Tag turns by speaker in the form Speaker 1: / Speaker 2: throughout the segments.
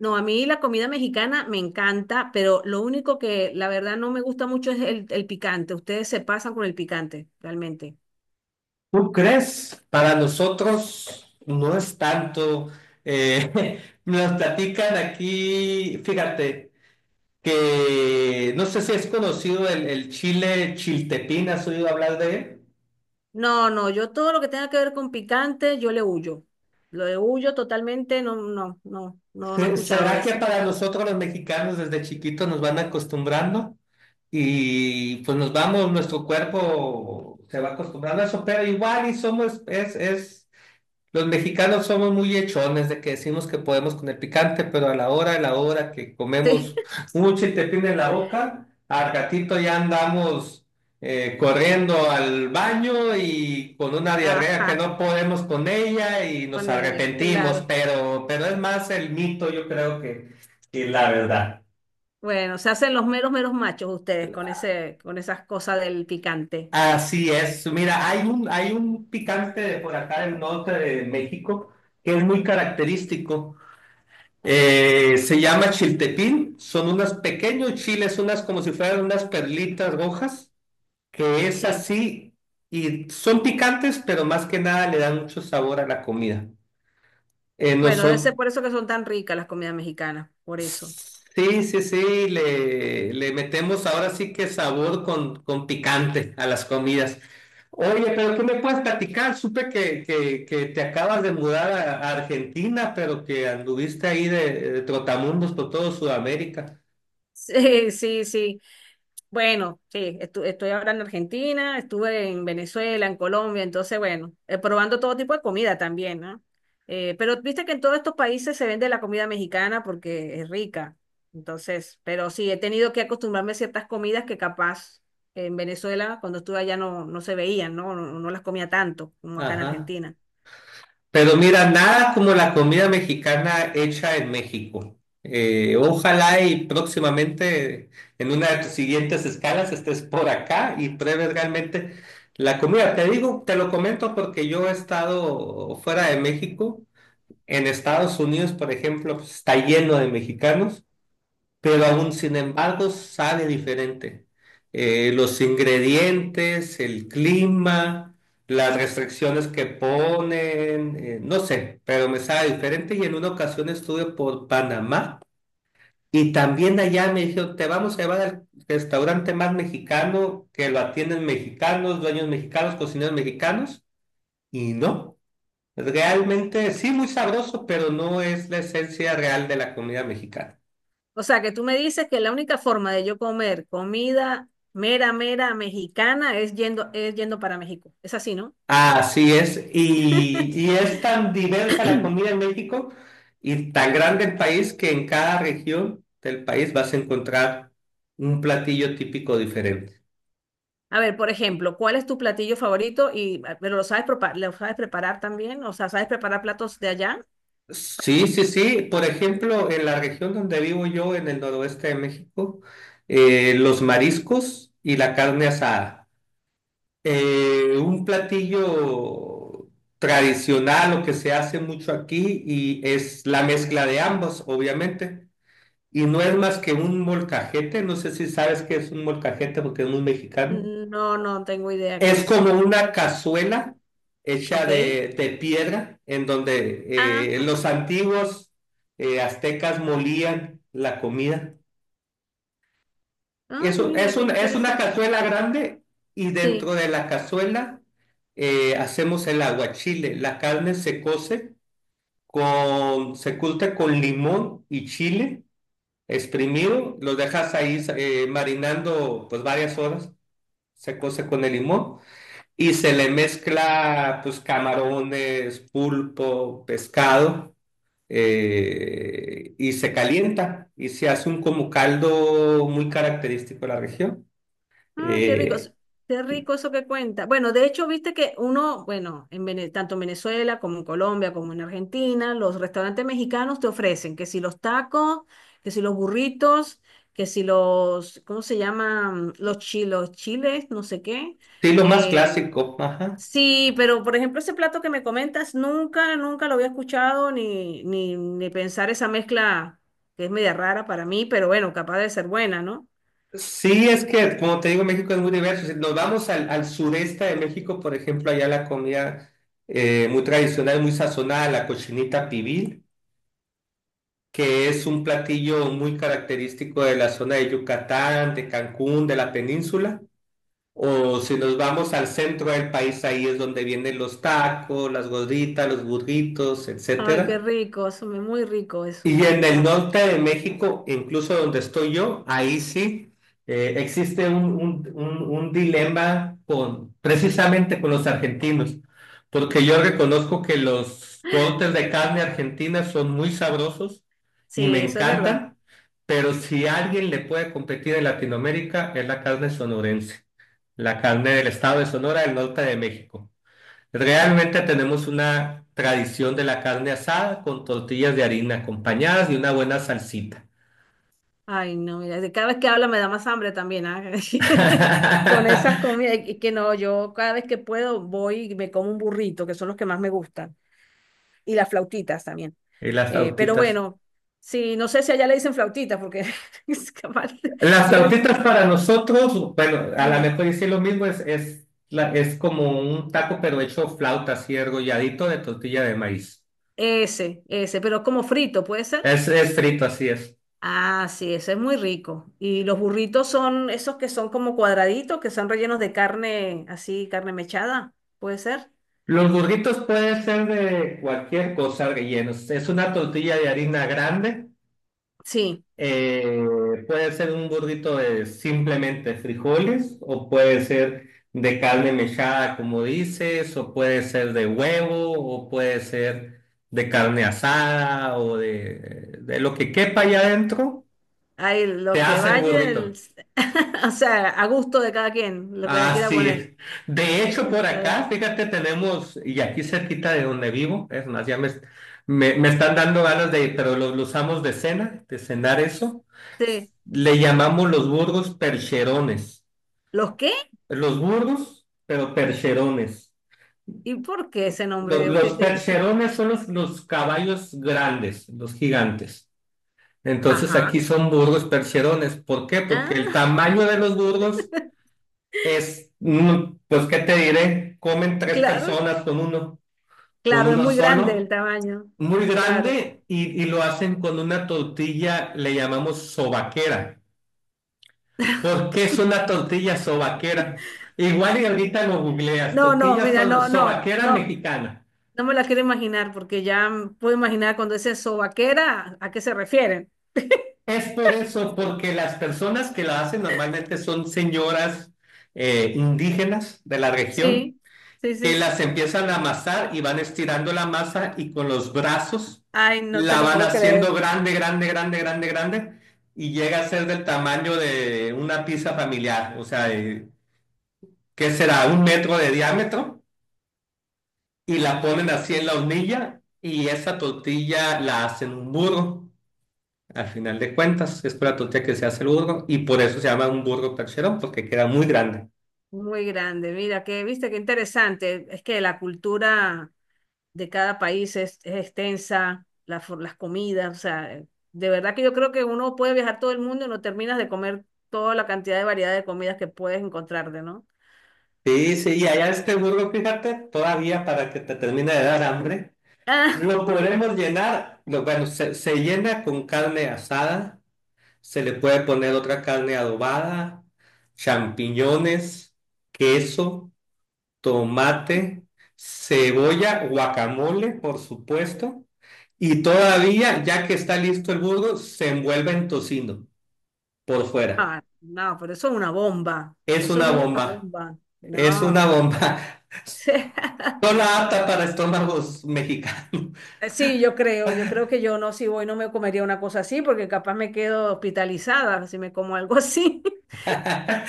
Speaker 1: No, a mí la comida mexicana me encanta, pero lo único que la verdad no me gusta mucho es el picante. Ustedes se pasan con el picante, realmente.
Speaker 2: ¿Tú crees? Para nosotros no es tanto. Nos platican aquí, fíjate, que no sé si es conocido el chile chiltepín, ¿has oído hablar de él?
Speaker 1: No, no, yo todo lo que tenga que ver con picante, yo le huyo. Lo de huyo totalmente, no, no, no, no, no he escuchado
Speaker 2: ¿Será
Speaker 1: de
Speaker 2: que
Speaker 1: ese.
Speaker 2: para nosotros los mexicanos desde chiquitos nos van acostumbrando y pues nos vamos, nuestro cuerpo se va acostumbrando a eso, pero igual y somos, es los mexicanos somos muy hechones de que decimos que podemos con el picante, pero a la hora que
Speaker 1: Sí,
Speaker 2: comemos mucho y te en la boca, al gatito ya andamos corriendo al baño y con una diarrea que
Speaker 1: ajá,
Speaker 2: no podemos con ella y nos
Speaker 1: bueno,
Speaker 2: arrepentimos,
Speaker 1: claro.
Speaker 2: pero es más el mito, yo creo que la verdad.
Speaker 1: Bueno, se hacen los meros, meros machos ustedes con ese, con esas cosas del picante.
Speaker 2: Así es. Mira, hay un picante de por acá del norte de México que es muy característico. Se llama chiltepín, son unos pequeños chiles, unas como si fueran unas perlitas rojas, que es
Speaker 1: Sí.
Speaker 2: así y son picantes, pero más que nada le dan mucho sabor a la comida.
Speaker 1: Bueno, debe ser
Speaker 2: Nosotros,
Speaker 1: por eso que son tan ricas las comidas mexicanas, por eso.
Speaker 2: sí, sí, sí, le metemos ahora sí que sabor con picante a las comidas. Oye, pero ¿qué me puedes platicar? Supe que te acabas de mudar a Argentina, pero que anduviste ahí de trotamundos por todo Sudamérica.
Speaker 1: Sí, sí, sí. Bueno, sí, estoy ahora en Argentina, estuve en Venezuela, en Colombia, entonces, bueno, probando todo tipo de comida también, ¿no? Pero viste que en todos estos países se vende la comida mexicana porque es rica, entonces, pero sí, he tenido que acostumbrarme a ciertas comidas que capaz en Venezuela, cuando estuve allá, no, no se veían, ¿no? No, no las comía tanto como acá en
Speaker 2: Ajá.
Speaker 1: Argentina.
Speaker 2: Pero mira, nada como la comida mexicana hecha en México. Ojalá y próximamente en una de tus siguientes escalas estés por acá y pruebes realmente la comida. Te digo, te lo comento porque yo he estado fuera de México. En Estados Unidos, por ejemplo, pues, está lleno de mexicanos, pero aún sin embargo sabe diferente. Los ingredientes, el clima, las restricciones que ponen, no sé, pero me sabe diferente y en una ocasión estuve por Panamá y también allá me dijeron, te vamos a llevar al restaurante más mexicano, que lo atienden mexicanos, dueños mexicanos, cocineros mexicanos, y no, realmente sí muy sabroso, pero no es la esencia real de la comida mexicana.
Speaker 1: O sea, que tú me dices que la única forma de yo comer comida mera, mera mexicana es yendo para México. Es así, ¿no?
Speaker 2: Así es, y es tan diversa la comida en México y tan grande el país que en cada región del país vas a encontrar un platillo típico diferente.
Speaker 1: A ver, por ejemplo, ¿cuál es tu platillo favorito? Y, ah, pero lo sabes, lo sabes preparar también, o sea, ¿sabes preparar platos de allá?
Speaker 2: Sí, sí, sí. Por ejemplo, en la región donde vivo yo, en el noroeste de México, los mariscos y la carne asada. Un platillo tradicional, lo que se hace mucho aquí, y es la mezcla de ambos, obviamente. Y no es más que un molcajete, no sé si sabes qué es un molcajete porque es muy mexicano.
Speaker 1: Mm, no, no tengo idea qué
Speaker 2: Es
Speaker 1: es.
Speaker 2: como una cazuela hecha
Speaker 1: ¿Ok?
Speaker 2: de piedra en
Speaker 1: Ah,
Speaker 2: donde los
Speaker 1: ajá.
Speaker 2: antiguos aztecas molían la comida.
Speaker 1: Ah,
Speaker 2: Eso
Speaker 1: mira,
Speaker 2: es,
Speaker 1: qué
Speaker 2: es una
Speaker 1: interesante.
Speaker 2: cazuela grande y
Speaker 1: Sí.
Speaker 2: dentro de la cazuela hacemos el aguachile. La carne se cose con, se curte con limón y chile exprimido, los dejas ahí marinando pues varias horas, se cose con el limón y se le mezcla pues camarones, pulpo, pescado y se calienta y se hace un como caldo muy característico de la región.
Speaker 1: Ah, qué rico,
Speaker 2: Eh,
Speaker 1: qué rico eso que cuenta. Bueno, de hecho, viste que uno, bueno, en tanto en Venezuela como en Colombia como en Argentina, los restaurantes mexicanos te ofrecen que si los tacos, que si los burritos, que si los, ¿cómo se llaman? Los chilos, chiles, no sé qué.
Speaker 2: sí, lo más
Speaker 1: Eh,
Speaker 2: clásico, ajá.
Speaker 1: sí, pero por ejemplo, ese plato que me comentas, nunca, nunca lo había escuchado ni, ni, ni pensar esa mezcla que es media rara para mí, pero bueno, capaz de ser buena, ¿no?
Speaker 2: Sí, es que, como te digo, México es muy diverso. Si nos vamos al sureste de México, por ejemplo, allá la comida muy tradicional, muy sazonada, la cochinita pibil, que es un platillo muy característico de la zona de Yucatán, de Cancún, de la península. O si nos vamos al centro del país, ahí es donde vienen los tacos, las gorditas, los burritos,
Speaker 1: Ay, qué
Speaker 2: etcétera.
Speaker 1: rico, eso me muy rico eso,
Speaker 2: Y
Speaker 1: me
Speaker 2: en el
Speaker 1: encanta.
Speaker 2: norte de México, incluso donde estoy yo, ahí sí existe un dilema con, precisamente con los argentinos, porque yo reconozco que los cortes de carne argentina son muy sabrosos y me
Speaker 1: Sí, eso es verdad.
Speaker 2: encantan, pero si alguien le puede competir en Latinoamérica es la carne sonorense, la carne del estado de Sonora, del norte de México. Realmente tenemos una tradición de la carne asada con tortillas de harina acompañadas de una buena salsita.
Speaker 1: Ay, no, mira, de cada vez que habla me da más hambre también, ah, con esas comidas, y que no, yo cada vez que puedo voy y me como un burrito, que son los que más me gustan, y las flautitas también.
Speaker 2: Y las
Speaker 1: Pero
Speaker 2: flautitas.
Speaker 1: bueno, sí, no sé si allá le dicen flautitas, porque es capaz,
Speaker 2: Las
Speaker 1: yo le digo,
Speaker 2: flautitas para nosotros, bueno, a lo
Speaker 1: sí,
Speaker 2: mejor decir lo mismo, la- es como un taco pero hecho flauta, así argolladito de tortilla de maíz.
Speaker 1: ese, pero como frito, ¿puede ser?
Speaker 2: Es frito, así es.
Speaker 1: Ah, sí, eso es muy rico. Y los burritos son esos que son como cuadraditos, que son rellenos de carne, así, carne mechada, ¿puede ser?
Speaker 2: Los burritos pueden ser de cualquier cosa rellenos. Es una tortilla de harina grande.
Speaker 1: Sí,
Speaker 2: Eh, puede ser un burrito de simplemente frijoles o puede ser de carne mechada, como dices, o puede ser de huevo o puede ser de carne asada o de lo que quepa allá adentro,
Speaker 1: ahí
Speaker 2: se
Speaker 1: lo que
Speaker 2: hace el
Speaker 1: vaya,
Speaker 2: burrito.
Speaker 1: o sea, a gusto de cada quien, lo que le quiera
Speaker 2: Así
Speaker 1: poner.
Speaker 2: es. De hecho, por
Speaker 1: Está-
Speaker 2: acá, fíjate, tenemos, y aquí cerquita de donde vivo, es más, me están dando ganas de, pero lo usamos de cena, de cenar eso.
Speaker 1: Sí.
Speaker 2: Le llamamos los burgos percherones.
Speaker 1: ¿Los qué?
Speaker 2: Los burgos, pero percherones.
Speaker 1: ¿Y por qué ese nombre? O ¿qué,
Speaker 2: Los
Speaker 1: qué se
Speaker 2: percherones son los caballos grandes, los gigantes. Entonces
Speaker 1: ajá.
Speaker 2: aquí son burgos percherones. ¿Por qué? Porque el
Speaker 1: Ah,
Speaker 2: tamaño de los burgos es, mm, pues, ¿qué te diré? Comen tres
Speaker 1: claro,
Speaker 2: personas con
Speaker 1: claro, es
Speaker 2: uno
Speaker 1: muy grande el
Speaker 2: solo,
Speaker 1: tamaño.
Speaker 2: muy
Speaker 1: Claro.
Speaker 2: grande y lo hacen con una tortilla, le llamamos sobaquera. ¿Por qué es una tortilla sobaquera? Igual y ahorita lo googleas,
Speaker 1: No, no,
Speaker 2: tortilla
Speaker 1: mira, no, no,
Speaker 2: sobaquera
Speaker 1: no.
Speaker 2: mexicana.
Speaker 1: No me la quiero imaginar porque ya puedo imaginar cuando dice sobaquera, ¿a qué se refieren?
Speaker 2: Es por eso, porque las personas que la hacen normalmente son señoras indígenas de la región,
Speaker 1: Sí, sí,
Speaker 2: que
Speaker 1: sí.
Speaker 2: las empiezan a amasar y van estirando la masa y con los brazos
Speaker 1: Ay, no te
Speaker 2: la
Speaker 1: lo
Speaker 2: van
Speaker 1: puedo
Speaker 2: haciendo
Speaker 1: creer.
Speaker 2: grande y llega a ser del tamaño de una pizza familiar, o sea, de- ¿qué será? Un metro de diámetro y la ponen así en la
Speaker 1: Sí,
Speaker 2: hornilla y esa tortilla la hacen un burro. Al final de cuentas, es para la tortilla que se hace el burro y por eso se llama un burro percherón, porque queda muy grande.
Speaker 1: muy grande. Mira, que viste qué interesante. Es que la cultura de cada país es extensa, la las comidas, o sea, de verdad que yo creo que uno puede viajar todo el mundo y no terminas de comer toda la cantidad de variedad de comidas que puedes encontrarte, ¿no?
Speaker 2: Sí, sí, y allá este burro, fíjate, todavía para que te termine de dar hambre, lo podemos llenar, lo- bueno, se llena con carne asada, se le puede poner otra carne adobada, champiñones, queso, tomate, cebolla, guacamole, por supuesto, y todavía, ya que está listo el burro, se envuelve en tocino por fuera.
Speaker 1: Ah, ah, no, pero eso es una bomba.
Speaker 2: Es
Speaker 1: Eso es
Speaker 2: una
Speaker 1: una
Speaker 2: bomba,
Speaker 1: bomba.
Speaker 2: es una
Speaker 1: No.
Speaker 2: bomba, solo apta para estómagos mexicanos.
Speaker 1: Sí, yo creo que yo no, si voy no me comería una cosa así, porque capaz me quedo hospitalizada si me como algo así,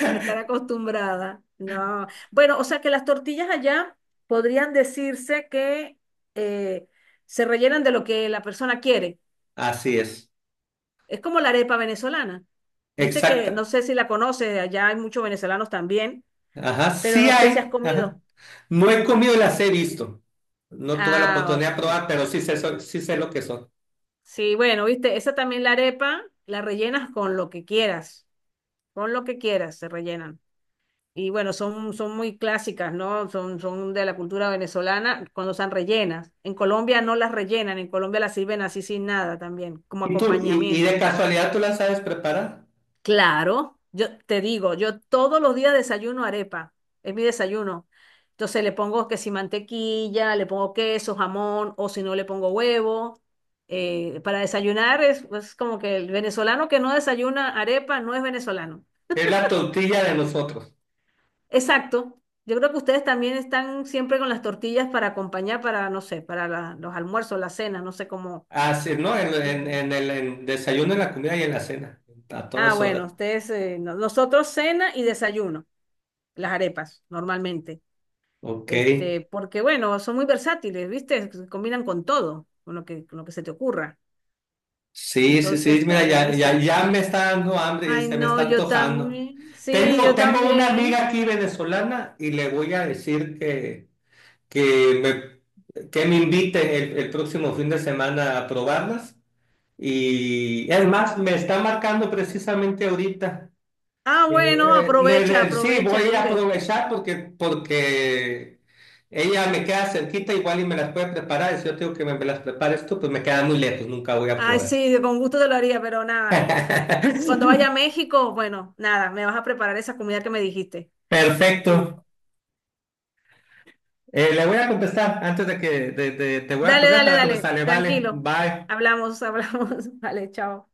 Speaker 1: sin estar acostumbrada. No. Bueno, o sea que las tortillas allá podrían decirse que eh, se rellenan de lo que la persona quiere.
Speaker 2: Así es,
Speaker 1: Es como la arepa venezolana. Viste que no
Speaker 2: exacta.
Speaker 1: sé si la conoces, allá hay muchos venezolanos también,
Speaker 2: Ajá,
Speaker 1: pero
Speaker 2: sí
Speaker 1: no sé si has
Speaker 2: hay.
Speaker 1: comido.
Speaker 2: Ajá. No he comido, las he visto. No tuve la
Speaker 1: Ah,
Speaker 2: oportunidad de
Speaker 1: ok.
Speaker 2: probar, pero sí sé, sí sé lo que son.
Speaker 1: Sí, bueno, viste, esa también la arepa la rellenas con lo que quieras. Pon lo que quieras, se rellenan. Y bueno, son muy clásicas, ¿no? Son de la cultura venezolana cuando están rellenas. En Colombia no las rellenan, en Colombia las sirven así sin nada también, como
Speaker 2: ¿Y tú, y de
Speaker 1: acompañamiento.
Speaker 2: casualidad tú las sabes preparar?
Speaker 1: Claro, yo te digo, yo todos los días desayuno arepa, es mi desayuno. Entonces le pongo que si mantequilla, le pongo queso, jamón, o si no le pongo huevo. Para desayunar es como que el venezolano que no desayuna arepa no es venezolano.
Speaker 2: Es la tortilla de nosotros.
Speaker 1: Exacto. Yo creo que ustedes también están siempre con las tortillas para acompañar, para, no sé, para los almuerzos, la cena, no sé cómo.
Speaker 2: Así, ¿no?
Speaker 1: Cómo se
Speaker 2: En el en desayuno, en la comida y en la cena. A
Speaker 1: ah,
Speaker 2: todas horas.
Speaker 1: bueno, ustedes, nosotros cena y desayuno, las arepas, normalmente.
Speaker 2: Ok.
Speaker 1: Este, porque bueno, son muy versátiles, ¿viste? Se combinan con todo, con lo que se te ocurra.
Speaker 2: Sí, sí,
Speaker 1: Entonces
Speaker 2: sí.
Speaker 1: está
Speaker 2: Mira,
Speaker 1: buenísimo.
Speaker 2: ya me está dando hambre,
Speaker 1: Ay,
Speaker 2: se me
Speaker 1: no,
Speaker 2: está
Speaker 1: yo
Speaker 2: antojando.
Speaker 1: también. Sí, yo
Speaker 2: Tengo una amiga
Speaker 1: también.
Speaker 2: aquí venezolana y le voy a decir que que me inviten el próximo fin de semana a probarlas. Y es más, me está marcando precisamente ahorita.
Speaker 1: Ah, bueno, aprovecha,
Speaker 2: Sí, voy
Speaker 1: aprovecha,
Speaker 2: a
Speaker 1: dile.
Speaker 2: aprovechar porque ella me queda cerquita igual y me las puede preparar. Y si yo tengo que me las prepares tú, pues me queda muy lejos, nunca voy a
Speaker 1: Ay,
Speaker 2: poder.
Speaker 1: sí, con gusto te lo haría, pero nada. Cuando vaya a México, bueno, nada, me vas a preparar esa comida que me dijiste. Sí.
Speaker 2: Perfecto. Le voy a contestar antes de que te voy a
Speaker 1: Dale,
Speaker 2: colgar
Speaker 1: dale,
Speaker 2: para
Speaker 1: dale,
Speaker 2: contestarle. Vale,
Speaker 1: tranquilo.
Speaker 2: bye.
Speaker 1: Hablamos, hablamos. Vale, chao.